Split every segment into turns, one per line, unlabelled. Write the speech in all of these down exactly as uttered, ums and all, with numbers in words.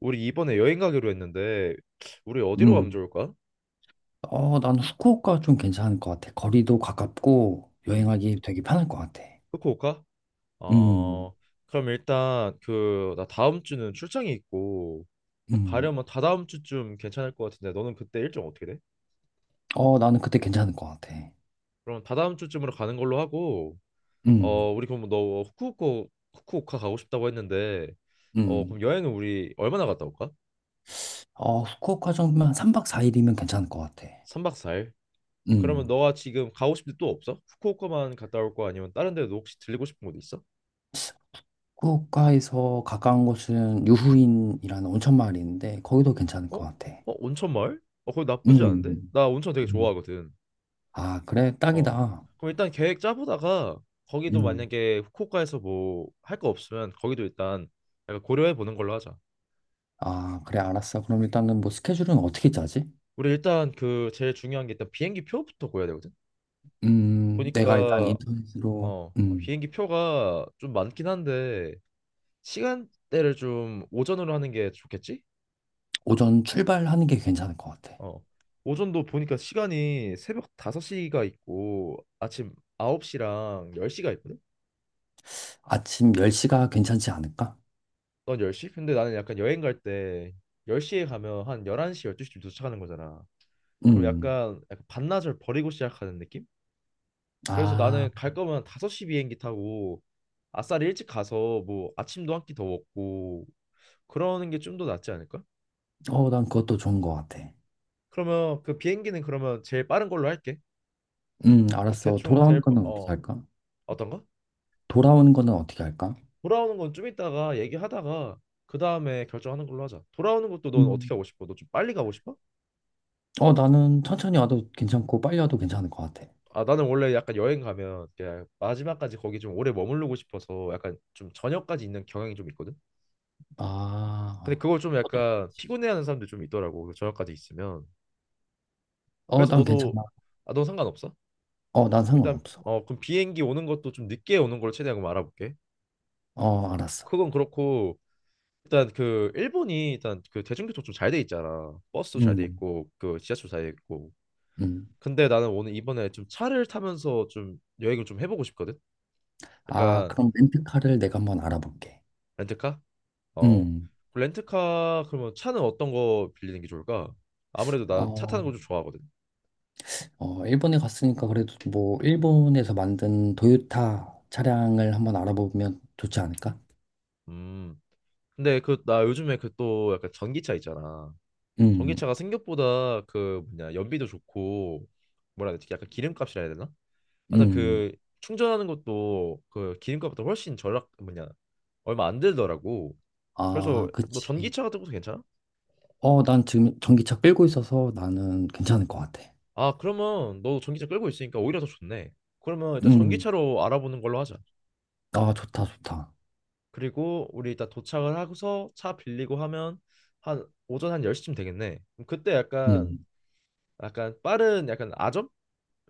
우리 이번에 여행 가기로 했는데 우리 어디로 가면
음.
좋을까?
어, 난 후쿠오카 좀 괜찮을 것 같아. 거리도 가깝고
음,
여행하기 되게 편할 것 같아.
후쿠오카?
음,
어, 그럼 일단 그 나 다음 주는 출장이 있고
음.
가려면 다다음 주쯤 괜찮을 것 같은데 너는 그때 일정 어떻게 돼?
어, 나는 그때 괜찮을 것 같아.
그럼 다다음 주쯤으로 가는 걸로 하고
음,
어 우리 그럼 너 후쿠오카 후쿠오카 가고 싶다고 했는데 어
음.
그럼 여행은 우리 얼마나 갔다 올까?
어, 후쿠오카 정도면 삼 박 사 일이면 괜찮을 것 같아.
삼 박 사 일? 그러면
음.
너가 지금 가고 싶은 데 또 없어? 후쿠오카만 갔다 올 거 아니면 다른 데도 혹시 들리고 싶은 곳 있어?
후쿠오카에서 가까운 곳은
음.
유후인이라는 온천 마을이 있는데 거기도 괜찮을
어? 어?
것 같아.
온천 마을? 어, 거기 나쁘지 않은데?
음,
나 온천 되게
음.
좋아하거든.
아, 그래,
어.
딱이다.
그럼 일단 계획 짜보다가 거기도
음.
만약에 후쿠오카에서 뭐 할 거 없으면 거기도 일단 약간 고려해 보는 걸로 하자.
아, 그래, 알았어. 그럼 일단은 뭐 스케줄은 어떻게 짜지?
우리 일단 그 제일 중요한 게 일단 비행기 표부터 구해야 되거든.
음, 내가 일단
보니까
인터넷으로,
어
음,
비행기 표가 좀 많긴 한데 시간대를 좀 오전으로 하는 게 좋겠지?
오전 출발하는 게 괜찮을 것 같아.
어. 오전도 보니까 시간이 새벽 다섯 시가 있고 아침 아홉 시랑 열 시가 있거든.
아침 열 시가 괜찮지 않을까?
넌 열 시? 근데 나는 약간 여행 갈 때 열 시에 가면 한 열한 시, 열두 시쯤 도착하는 거잖아. 그럼
음.
약간, 약간 반나절 버리고 시작하는 느낌? 그래서 나는
아,
갈 거면 다섯 시 비행기 타고 아싸리 일찍 가서 뭐 아침도 한 끼 더 먹고 그러는 게 좀 더 낫지 않을까?
어, 난 그것도 좋은 것 같아.
그러면 그 비행기는 그러면 제일 빠른 걸로 할게.
음,
그럼
알았어.
대충
돌아오는
될, 바-
거는 어떻게
어,
할까?
어떤가?
돌아오는 거는 어떻게 할까?
돌아오는 건 좀 이따가 얘기하다가 그 다음에 결정하는 걸로 하자. 돌아오는 것도 넌
음.
어떻게 하고 싶어? 너 좀 빨리 가고 싶어?
어, 나는 천천히 와도 괜찮고 빨리 와도 괜찮을 것 같아.
아 나는 원래 약간 여행 가면 그냥 마지막까지 거기 좀 오래 머무르고 싶어서 약간 좀 저녁까지 있는 경향이 좀 있거든. 근데
아,
그걸 좀 약간 피곤해하는 사람들 좀 있더라고. 그 저녁까지 있으면.
어,
그래서
난
너도
괜찮아.
아 너 상관없어?
어, 난
일단
상관없어.
어 그럼 비행기 오는 것도 좀 늦게 오는 걸 최대한 그럼 알아볼게.
어, 알았어.
그건 그렇고 일단 그 일본이 일단 그 대중교통 좀 잘 돼 있잖아. 버스도 잘 돼
음,
있고 그 지하철 잘 돼 있고.
음.
근데 나는 오늘 이번에 좀 차를 타면서 좀 여행을 좀 해보고 싶거든.
아,
약간
그럼 렌트카를 내가 한번 알아볼게.
렌트카? 어,
음,
그 렌트카 그러면 차는 어떤 거 빌리는 게 좋을까? 아무래도 나 차 타는
어.
거 좀 좋아하거든.
어, 일본에 갔으니까 그래도 뭐 일본에서 만든 도요타 차량을 한번 알아보면 좋지 않을까?
음. 근데 그 나 요즘에 그 또 약간 전기차 있잖아.
음,
전기차가 생각보다 그 뭐냐 연비도 좋고 뭐라 해야 되지? 약간 기름값이라 해야 되나? 하여튼
음.
그 충전하는 것도 그 기름값보다 훨씬 절약 뭐냐 얼마 안 들더라고. 그래서
아,
너
그치.
전기차 같은 것도 괜찮아?
어, 난 지금 전기차 끌고 있어서 나는 괜찮을 것 같아.
아 그러면 너 전기차 끌고 있으니까 오히려 더 좋네. 그러면 일단
음,
전기차로 알아보는 걸로 하자.
아, 좋다, 좋다.
그리고 우리 일단 도착을 하고서 차 빌리고 하면 한 오전 한 열 시쯤 되겠네. 그럼 그때 약간
음,
약간 빠른 약간 아점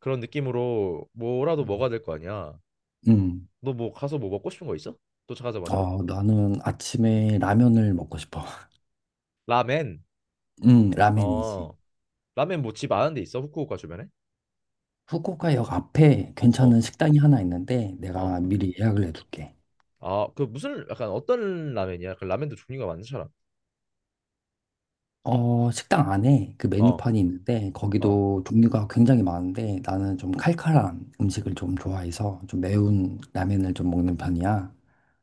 그런 느낌으로 뭐라도 먹어야 될 거 아니야.
음.
너 뭐 가서 뭐 먹고 싶은 거 있어? 도착하자마자?
어, 나는 아침에
응.
라면을 먹고 싶어.
라멘.
음, 라멘이지.
어. 라멘 뭐 집 아는 데 있어? 후쿠오카 주변에?
후쿠오카역 앞에
어.
괜찮은 식당이 하나 있는데 내가
어.
미리 예약을 해둘게.
아, 그 무슨 약간 어떤 라멘이야? 그 라멘도 종류가 많잖아.
어, 식당 안에 그
어.
메뉴판이 있는데
어.
거기도 종류가 굉장히 많은데 나는 좀 칼칼한 음식을 좀 좋아해서 좀 매운 라면을 좀 먹는 편이야.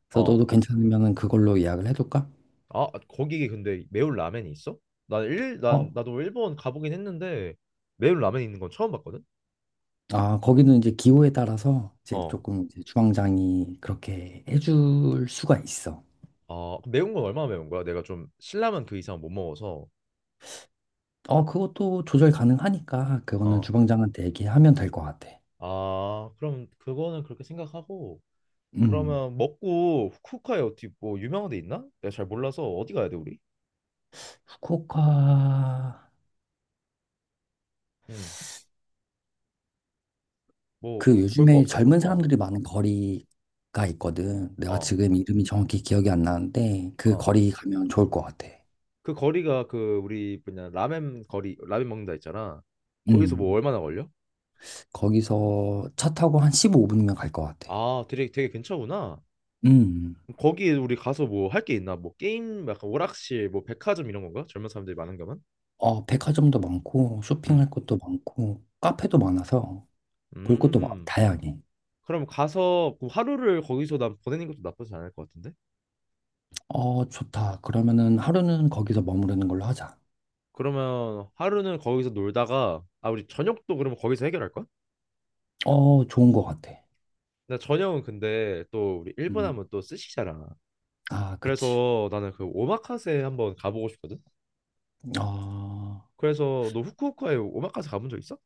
그래서
어.
너도 괜찮으면 그걸로 예약을 해둘까?
아, 거기 근데 매운 라면이 있어? 난 일, 난
어,
나도 일본 가보긴 했는데 매운 라면 있는 건 처음 봤거든.
아, 거기는 이제 기호에 따라서 이제
어.
조금 이제 주방장이 그렇게 해줄 수가 있어.
아, 그럼 매운 건 얼마나 매운 거야? 내가 좀 신라면 그 이상 못 먹어서.
어, 그것도 조절 가능하니까 그거는
어.
주방장한테 얘기하면 될 것 같아.
아, 그럼 그거는 그렇게 생각하고
음,
그러면 먹고 후쿠오카에 어디 뭐 유명한 데 있나? 내가 잘 몰라서 어디 가야 돼, 우리?
후쿠오카
응. 뭐
그
볼 거
요즘에
없어?
젊은
어.
사람들이 많은 거리가 있거든. 내가
어.
지금 이름이 정확히 기억이 안 나는데 그
어.
거리 가면 좋을 것 같아.
그 거리가 그 우리 뭐냐 라멘 거리 라멘 먹는다 했잖아. 거기서 뭐
음.
얼마나 걸려?
거기서 차 타고 한 십오 분이면 갈 것 같아.
아, 되게 되게 근처구나.
음.
거기 우리 가서 뭐 할 게 있나? 뭐 게임, 약간 오락실, 뭐 백화점 이런 건가? 젊은 사람들이 많은 가만?
어, 백화점도 많고
음.
쇼핑할 것도 많고 카페도 많아서 볼 것도 많-
음.
다양해.
그럼 가서 그 하루를 거기서 난 보내는 것도 나쁘지 않을 것 같은데?
어, 좋다. 그러면은 하루는 거기서 머무르는 걸로 하자.
그러면 하루는 거기서 놀다가 아 우리 저녁도 그러면 거기서 해결할 거야?
어, 좋은 것 같아.
나 저녁은 근데 또 우리 일본
음.
하면 또 스시잖아.
아, 그치.
그래서 나는 그 오마카세 한번 가보고 싶거든.
어,
그래서 너 후쿠오카에 오마카세 가본 적 있어?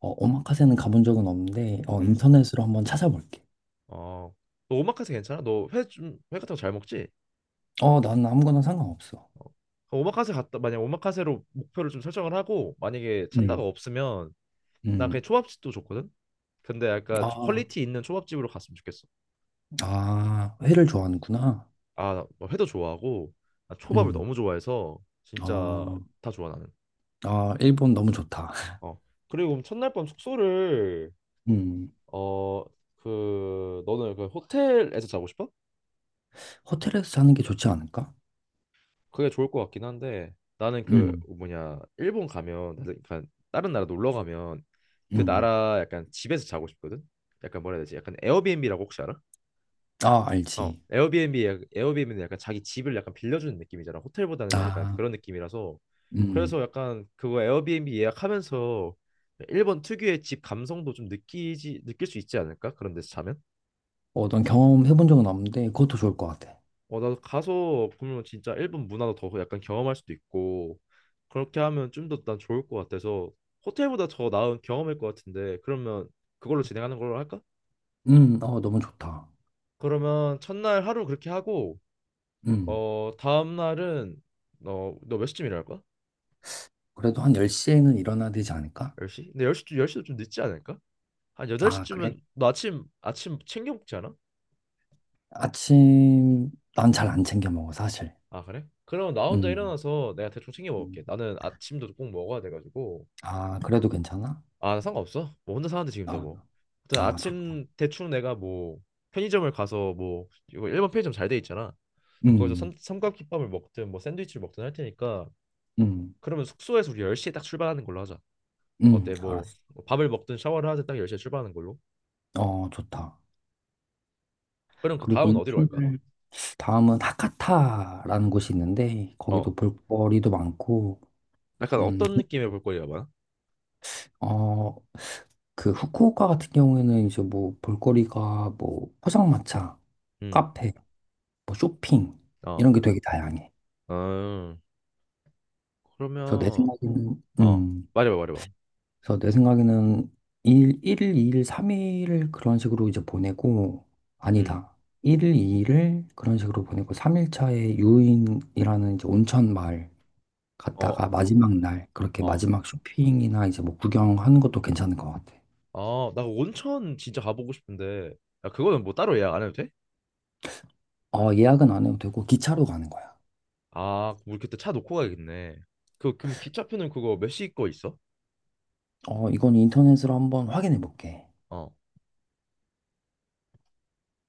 어, 오마카세는 가본 적은 없는데, 어,
음.
인터넷으로 한번 찾아볼게.
어. 너 오마카세 괜찮아? 너 회 좀 회 같은 거 잘 먹지?
어, 난 아무거나 상관없어.
어, 오마카세 갔다 만약 오마카세로 목표를 좀 설정을 하고 만약에 찾다가
음.
없으면
음,
난
음.
그냥 초밥집도 좋거든. 근데 약간 좀
아,
퀄리티 있는 초밥집으로 갔으면 좋겠어.
아, 회를 좋아하는구나.
아나 회도 좋아하고 나 초밥을
음,
너무 좋아해서 진짜
아,
다 좋아 나는.
아, 일본 너무 좋다.
어 그리고 그럼 첫날 밤 숙소를
음,
어 그 너는 그 호텔에서 자고 싶어?
호텔에서 자는 게 좋지 않을까?
그게 좋을 것 같긴 한데 나는 그
음,
뭐냐 일본 가면 그러니까 다른 나라 놀러 가면 그
음.
나라 약간 집에서 자고 싶거든. 약간 뭐라 해야 되지? 약간 에어비앤비라고 혹시 알아?
아,
어,
알지.
에어비앤비 약- 에어비앤비는 약간 자기 집을 약간 빌려주는 느낌이잖아. 호텔보다는 약간
아,
그런 느낌이라서
음.
그래서 약간 그거 에어비앤비 예약하면서 일본 특유의 집 감성도 좀 느끼지 느낄 수 있지 않을까? 그런 데서 자면?
어, 난 경험해본 적은 없는데 그것도 좋을 것 같아.
어, 나도 가서 그러면 진짜 일본 문화도 더 약간 경험할 수도 있고 그렇게 하면 좀 더 난 좋을 것 같아서 호텔보다 더 나은 경험일 것 같은데 그러면 그걸로 진행하는 걸로 할까?
음, 어, 너무 좋다.
그러면 첫날 하루 그렇게 하고
음.
어 다음 날은 너너몇 시쯤 일어날 거야?
그래도 한 열 시에는 일어나야 되지 않을까?
열 시? 근데 열 시 쯤 열 시도 좀 늦지 않을까? 한
아, 그래?
여덟 시쯤은 너 아침 아침 챙겨 먹지 않아?
아침, 난 잘 안 챙겨 먹어, 사실.
아 그래? 그럼 나 혼자
음.
일어나서 내가 대충 챙겨
음.
먹을게 나는 아침도 꼭 먹어야 돼가지고
아, 그래도 괜찮아?
아, 나 상관없어. 뭐 혼자 사는데 지금 다
아,
뭐. 하여튼
아, 좋다.
아침 대충 내가 뭐 편의점을 가서 뭐 이거 일본 편의점 잘 돼 있잖아. 거기서 삼,
음,
삼각김밥을 먹든 뭐 샌드위치를 먹든 할 테니까
음,
그러면 숙소에서 우리 열 시에 딱 출발하는 걸로 하자.
음,
어때? 뭐
알았어.
뭐 밥을 먹든 샤워를 하든 딱 열 시에 출발하는 걸로.
어, 좋다.
그럼 그
그리고
다음은 어디로 갈까?
인천을 다음은 하카타라는 곳이 있는데 거기도
어.
볼거리도 많고,
약간
음,
어떤 느낌의 볼거리가 많아?
어, 그 후쿠오카 같은 경우에는 이제 뭐 볼거리가 뭐 포장마차,
음.
카페, 뭐 쇼핑
어.
이런 게 되게 다양해.
어.
그래서 내
그러면
생각에는,
어.
음,
말해봐, 말해봐.
그래서 내 생각에는 일, 일 이 일, 삼 일을 그런 식으로 이제 보내고,
음.
아니다. 일 일, 이 일을 그런 식으로 보내고, 삼 일 차에 유인이라는 이제 온천 마을 갔다가
어.
마지막 날, 그렇게
어.
마지막 쇼핑이나 이제 뭐 구경하는 것도 괜찮은 것 같아.
아, 나 온천 진짜 가보고 싶은데 야, 그거는 뭐 따로 예약 안 해도 돼?
어, 예약은 안 해도 되고, 기차로 가는 거야.
아, 우리 그때 차 놓고 가야겠네. 그, 그럼 기차표는 그거 몇 시 거 있어?
어, 이건 인터넷으로 한번 확인해 볼게.
어.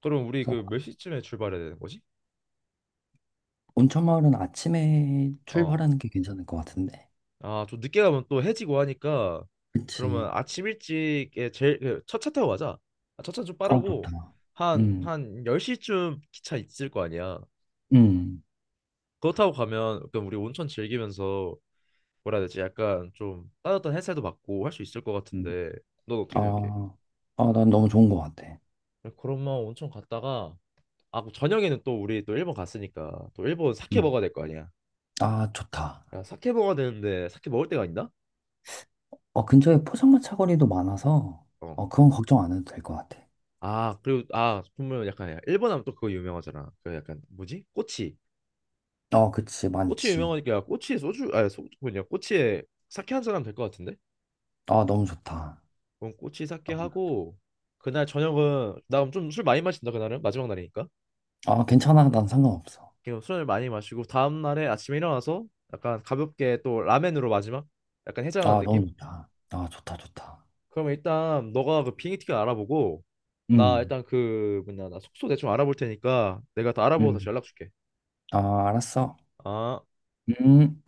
그럼 우리
그래서
그 몇 시쯤에 출발해야 되는 거지?
온천 마을은 아침에
어.
출발하는 게 괜찮을 것 같은데.
아, 좀 늦게 가면 또 해지고 하니까 그러면
그치.
아침 일찍에 제일 그 첫차 타고 가자. 아, 첫차 좀
어,
빠르고
좋다.
한,
음,
한 열 시쯤 기차 있을 거 아니야.
음.
그거 타고 가면 약간 우리 온천 즐기면서 뭐라 해야 되지? 약간 좀 따뜻한 햇살도 받고 할 수 있을 것
음.
같은데 넌
아,
어떻게 생각해?
아, 난 너무 좋은 것 같아.
그러면 온천 갔다가 아, 그럼 저녁에는 또 우리 또 일본 갔으니까 또 일본 사케
음.
먹어야 될 거 아니야.
아, 좋다.
야, 사케 먹어야 되는데 사케 먹을 데가 있나?
어, 근처에 포장마차 거리도 많아서,
어.
어, 그건 걱정 안 해도 될 것 같아.
아, 그리고 아, 보면 약간 야, 일본 하면 또 그거 유명하잖아. 그 약간 뭐지? 꼬치.
어, 그치,
꼬치
많지.
유명하니까 꼬치에 소주 아니 소주 뭐냐? 꼬치에 사케 한잔 하면 될 것 같은데?
아, 너무 좋다.
그럼 꼬치 사케 하고 그날 저녁은 나 그럼 좀 술 많이 마신다 그날은 마지막 날이니까.
아, 괜찮아. 난 상관없어.
그럼 술을 많이 마시고 다음 날에 아침에 일어나서 약간 가볍게 또 라멘으로 마지막 약간 해장하는
아, 너무
느낌?
좋다. 아, 좋다, 좋다.
그러면 일단 너가 그 비행기 티켓 알아보고 나
음,
일단 그 뭐냐 나 숙소 대충 알아볼 테니까 내가 다 알아보고 다시
음.
연락 줄게.
아, 알았어.
아.
음.